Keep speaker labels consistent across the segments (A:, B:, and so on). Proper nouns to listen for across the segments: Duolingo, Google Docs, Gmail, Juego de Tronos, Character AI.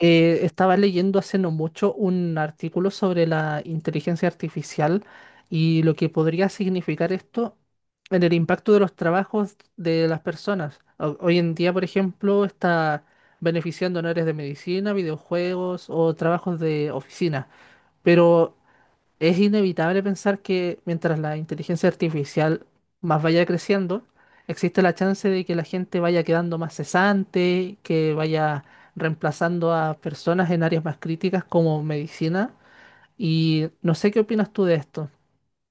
A: Estaba leyendo hace no mucho un artículo sobre la inteligencia artificial y lo que podría significar esto en el impacto de los trabajos de las personas. Hoy en día, por ejemplo, está beneficiando en áreas de medicina, videojuegos o trabajos de oficina, pero es inevitable pensar que mientras la inteligencia artificial más vaya creciendo, existe la chance de que la gente vaya quedando más cesante, que vaya reemplazando a personas en áreas más críticas como medicina. Y no sé qué opinas tú de esto.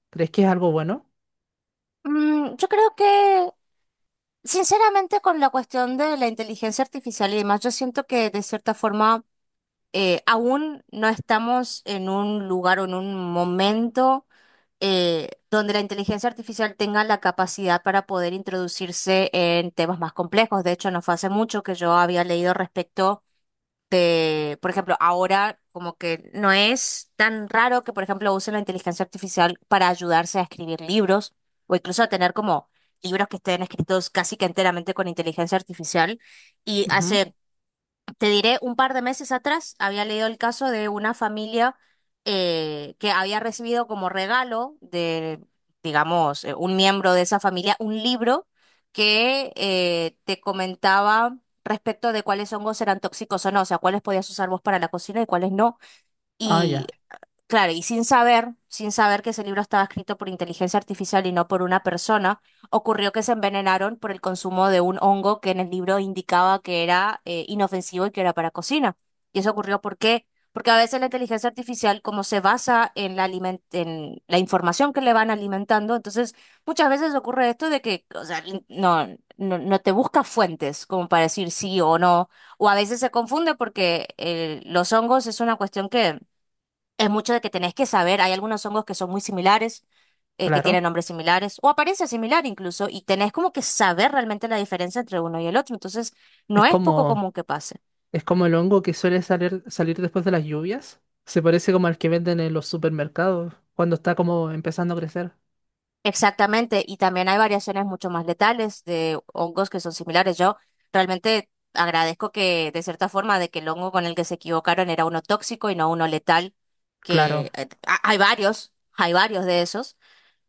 A: ¿Crees que es algo bueno?
B: Yo creo que, sinceramente, con la cuestión de la inteligencia artificial y demás, yo siento que de cierta forma aún no estamos en un lugar o en un momento donde la inteligencia artificial tenga la capacidad para poder introducirse en temas más complejos. De hecho, no fue hace mucho que yo había leído respecto de, por ejemplo, ahora como que no es tan raro que, por ejemplo, usen la inteligencia artificial para ayudarse a escribir libros o incluso a tener como libros que estén escritos casi que enteramente con inteligencia artificial y
A: Ujú.
B: hace te diré, un par de meses atrás había leído el caso de una familia que había recibido como regalo de, digamos, un miembro de esa familia, un libro que te comentaba respecto de cuáles hongos eran tóxicos o no, o sea, cuáles podías usar vos para la cocina y cuáles no.
A: Ah,
B: Y
A: ya,
B: claro, y sin saber que ese libro estaba escrito por inteligencia artificial y no por una persona, ocurrió que se envenenaron por el consumo de un hongo que en el libro indicaba que era inofensivo y que era para cocina. Y eso ocurrió, ¿por qué? Porque a veces la inteligencia artificial, como se basa en la en la información que le van alimentando, entonces muchas veces ocurre esto de que, o sea, no, no te busca fuentes como para decir sí o no, o a veces se confunde porque los hongos es una cuestión que es mucho de que tenés que saber, hay algunos hongos que son muy similares, que
A: claro.
B: tienen nombres similares o apariencia similar incluso, y tenés como que saber realmente la diferencia entre uno y el otro. Entonces,
A: Es
B: no es poco
A: como,
B: común que pase.
A: es como el hongo que suele salir después de las lluvias. Se parece como al que venden en los supermercados cuando está como empezando a crecer.
B: Exactamente, y también hay variaciones mucho más letales de hongos que son similares. Yo realmente agradezco que, de cierta forma, de que el hongo con el que se equivocaron era uno tóxico y no uno letal,
A: Claro.
B: que hay varios de esos.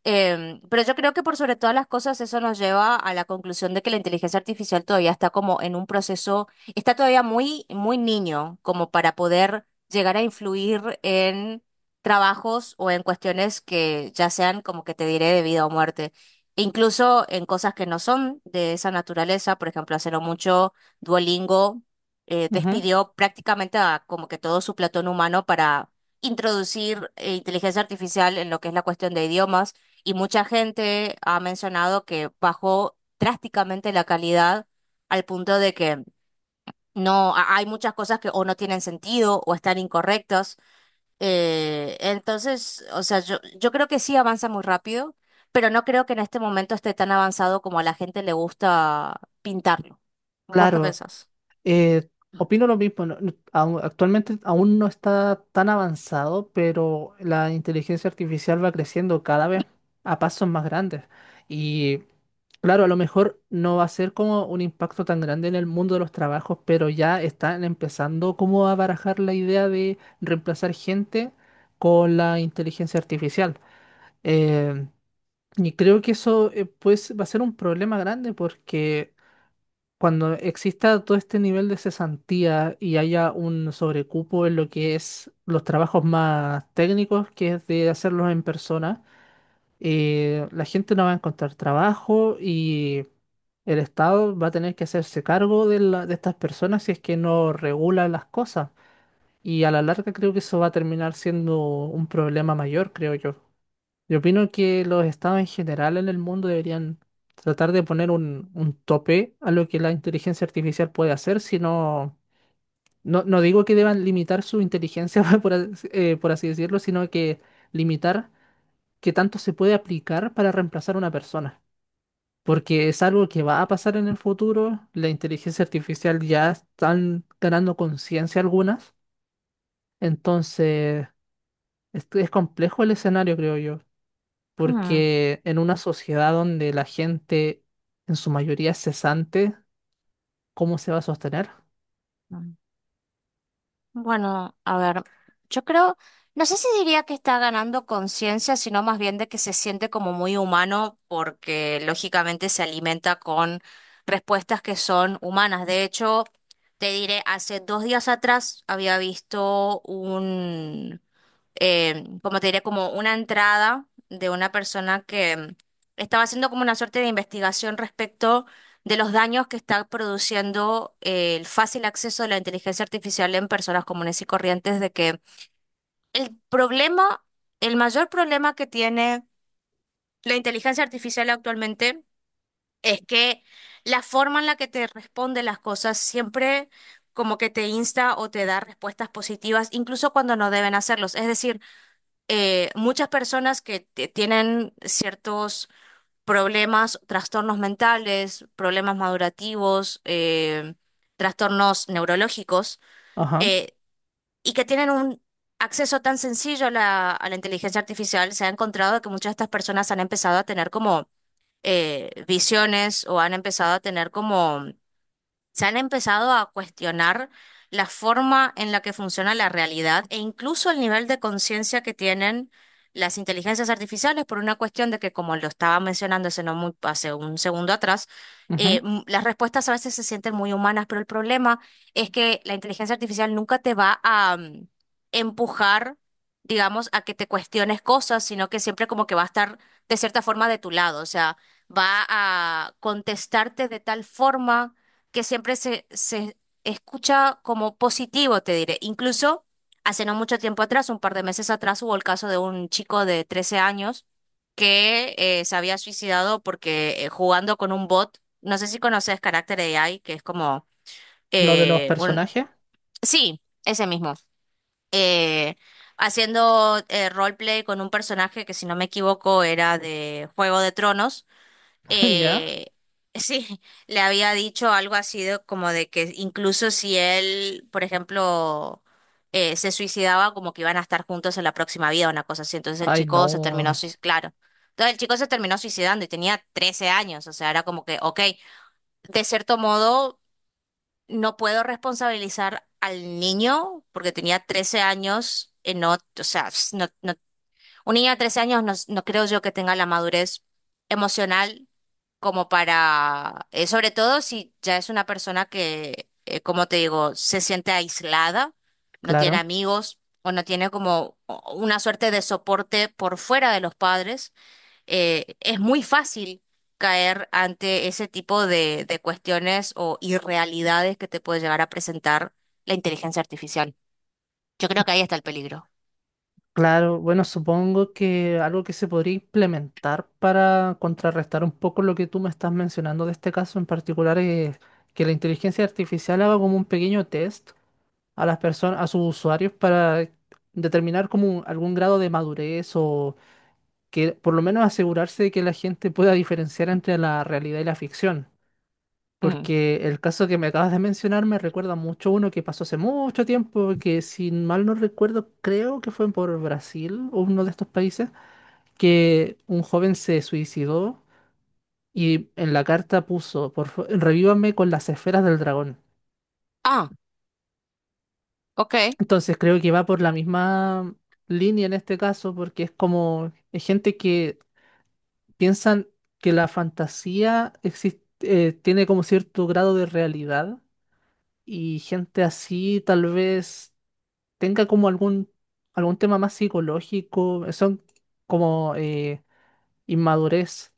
B: Pero yo creo que por sobre todas las cosas eso nos lleva a la conclusión de que la inteligencia artificial todavía está como en un proceso, está todavía muy, muy niño como para poder llegar a influir en trabajos o en cuestiones que ya sean como que te diré de vida o muerte. E incluso en cosas que no son de esa naturaleza, por ejemplo, hace no mucho Duolingo
A: Ujú.
B: despidió prácticamente a como que todo su platón humano para introducir inteligencia artificial en lo que es la cuestión de idiomas y mucha gente ha mencionado que bajó drásticamente la calidad al punto de que no, hay muchas cosas que o no tienen sentido o están incorrectas. Entonces, o sea, yo creo que sí avanza muy rápido, pero no creo que en este momento esté tan avanzado como a la gente le gusta pintarlo. ¿Vos qué
A: Claro.
B: pensás?
A: Eh, Opino lo mismo. Actualmente aún no está tan avanzado, pero la inteligencia artificial va creciendo cada vez a pasos más grandes. Y claro, a lo mejor no va a ser como un impacto tan grande en el mundo de los trabajos, pero ya están empezando como a barajar la idea de reemplazar gente con la inteligencia artificial. Eh, y creo que eso pues va a ser un problema grande porque cuando exista todo este nivel de cesantía y haya un sobrecupo en lo que es los trabajos más técnicos, que es de hacerlos en persona, la gente no va a encontrar trabajo y el Estado va a tener que hacerse cargo de estas personas si es que no regula las cosas. Y a la larga creo que eso va a terminar siendo un problema mayor, creo yo. Yo opino que los estados en general en el mundo deberían tratar de poner un tope a lo que la inteligencia artificial puede hacer, sino, no digo que deban limitar su inteligencia, por así decirlo, sino que limitar qué tanto se puede aplicar para reemplazar a una persona. Porque es algo que va a pasar en el futuro, la inteligencia artificial ya están ganando conciencia algunas, entonces es complejo el escenario, creo yo. Porque en una sociedad donde la gente en su mayoría es cesante, ¿cómo se va a sostener?
B: Mm. Bueno, a ver, yo creo, no sé si diría que está ganando conciencia, sino más bien de que se siente como muy humano porque lógicamente se alimenta con respuestas que son humanas. De hecho, te diré, hace dos días atrás había visto un, como te diré, como una entrada de una persona que estaba haciendo como una suerte de investigación respecto de los daños que está produciendo el fácil acceso de la inteligencia artificial en personas comunes y corrientes, de que el problema, el mayor problema que tiene la inteligencia artificial actualmente es que la forma en la que te responde las cosas siempre como que te insta o te da respuestas positivas, incluso cuando no deben hacerlos. Es decir, muchas personas que tienen ciertos problemas, trastornos mentales, problemas madurativos, trastornos neurológicos,
A: Ajá.
B: eh, y que tienen un acceso tan sencillo a la inteligencia artificial, se ha encontrado que muchas de estas personas han empezado a tener como visiones o han empezado a tener como se han empezado a cuestionar la forma en la que funciona la realidad e incluso el nivel de conciencia que tienen las inteligencias artificiales por una cuestión de que, como lo estaba mencionando hace, no muy, hace un segundo atrás,
A: Ujú.
B: las respuestas a veces se sienten muy humanas, pero el problema es que la inteligencia artificial nunca te va a empujar, digamos, a que te cuestiones cosas, sino que siempre como que va a estar de cierta forma de tu lado, o sea, va a contestarte de tal forma que siempre se escucha como positivo, te diré. Incluso hace no mucho tiempo atrás, un par de meses atrás, hubo el caso de un chico de 13 años que se había suicidado porque jugando con un bot, no sé si conoces Character AI, que es como
A: Lo de los
B: un...
A: personajes.
B: Sí, ese mismo. Eh, haciendo roleplay con un personaje que, si no me equivoco, era de Juego de Tronos
A: ¿Ya?
B: eh, sí, le había dicho algo así de, como de que incluso si él, por ejemplo, se suicidaba, como que iban a estar juntos en la próxima vida, una cosa así. Entonces el
A: Ay,
B: chico se terminó,
A: no.
B: claro. Entonces el chico se terminó suicidando y tenía 13 años, o sea, era como que, ok, de cierto modo no puedo responsabilizar al niño porque tenía 13 años, no, o sea, un niño de 13 años no, no creo yo que tenga la madurez emocional como para, sobre todo si ya es una persona que, como te digo, se siente aislada, no tiene
A: Claro.
B: amigos o no tiene como una suerte de soporte por fuera de los padres, es muy fácil caer ante ese tipo de cuestiones o irrealidades que te puede llegar a presentar la inteligencia artificial. Yo creo que ahí está el peligro.
A: Claro. Bueno, supongo que algo que se podría implementar para contrarrestar un poco lo que tú me estás mencionando de este caso en particular es que la inteligencia artificial haga como un pequeño test a las personas, a sus usuarios para determinar algún grado de madurez o que por lo menos asegurarse de que la gente pueda diferenciar entre la realidad y la ficción.
B: Mm.
A: Porque el caso que me acabas de mencionar me recuerda mucho uno que pasó hace mucho tiempo, que si mal no recuerdo, creo que fue por Brasil o uno de estos países, que un joven se suicidó y en la carta puso, revívame con las esferas del dragón.
B: Ah, ok.
A: Entonces creo que va por la misma línea en este caso, porque es como es gente que piensan que la fantasía existe, tiene como cierto grado de realidad y gente así tal vez tenga como algún tema más psicológico, son como inmadurez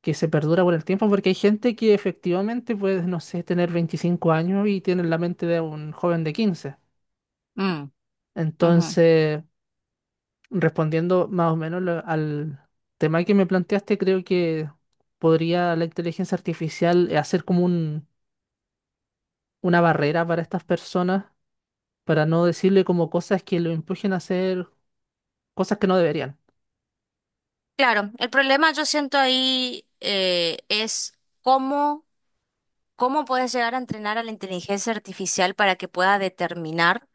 A: que se perdura por el tiempo, porque hay gente que efectivamente puede, no sé, tener 25 años y tiene la mente de un joven de 15.
B: Mm, ujú.
A: Entonces, respondiendo más o menos al tema que me planteaste, creo que podría la inteligencia artificial hacer una barrera para estas personas, para no decirle como cosas que lo empujen a hacer cosas que no deberían.
B: Claro, el problema yo siento ahí es cómo... ¿Cómo puedes llegar a entrenar a la inteligencia artificial para que pueda determinar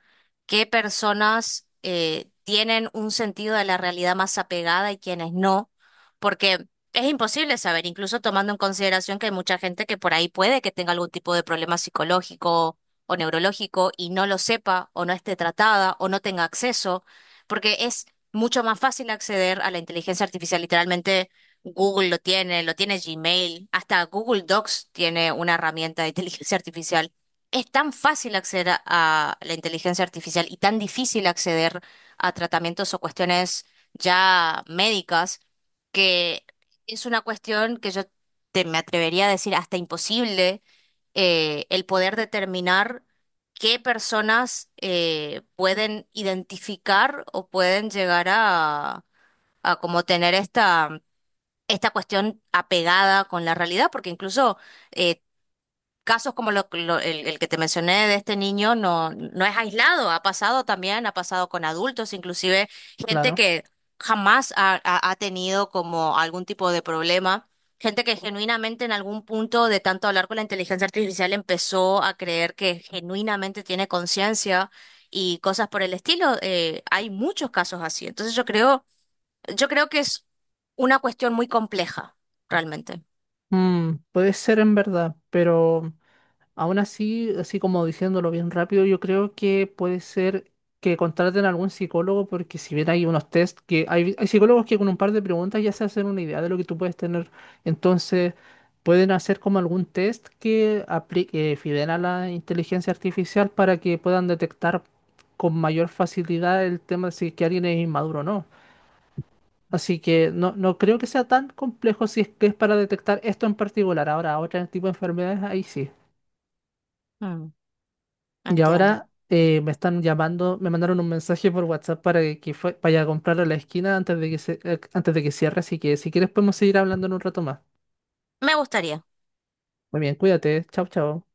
B: qué personas tienen un sentido de la realidad más apegada y quiénes no? Porque es imposible saber, incluso tomando en consideración que hay mucha gente que por ahí puede que tenga algún tipo de problema psicológico o neurológico y no lo sepa o no esté tratada o no tenga acceso, porque es mucho más fácil acceder a la inteligencia artificial literalmente Google lo tiene Gmail, hasta Google Docs tiene una herramienta de inteligencia artificial. Es tan fácil acceder a la inteligencia artificial y tan difícil acceder a tratamientos o cuestiones ya médicas que es una cuestión que yo me atrevería a decir hasta imposible el poder determinar qué personas pueden identificar o pueden llegar a como tener esta esta cuestión apegada con la realidad, porque incluso eh, casos como el que te mencioné de este niño no, no es aislado, ha pasado también, ha pasado con adultos, inclusive gente
A: Claro.
B: que jamás ha tenido como algún tipo de problema. Gente que genuinamente en algún punto de tanto hablar con la inteligencia artificial empezó a creer que genuinamente tiene conciencia y cosas por el estilo. Hay muchos casos así. Entonces yo creo que es una cuestión muy compleja, realmente.
A: Mm, puede ser en verdad, pero aún así, así como diciéndolo bien rápido, yo creo que puede ser que contraten a algún psicólogo porque si bien hay unos test que hay psicólogos que con un par de preguntas ya se hacen una idea de lo que tú puedes tener, entonces pueden hacer como algún test que aplique, fidel a la inteligencia artificial para que puedan detectar con mayor facilidad el tema de si que alguien es inmaduro o no. Así que no creo que sea tan complejo si es que es para detectar esto en particular. Ahora, otro tipo de enfermedades, ahí sí.
B: Mm,
A: Y
B: entiendo.
A: ahora me están llamando, me mandaron un mensaje por WhatsApp para que vaya a comprar a la esquina antes de que antes de que cierre, así que si quieres podemos seguir hablando en un rato más.
B: Me gustaría.
A: Muy bien, cuídate, chao, chao.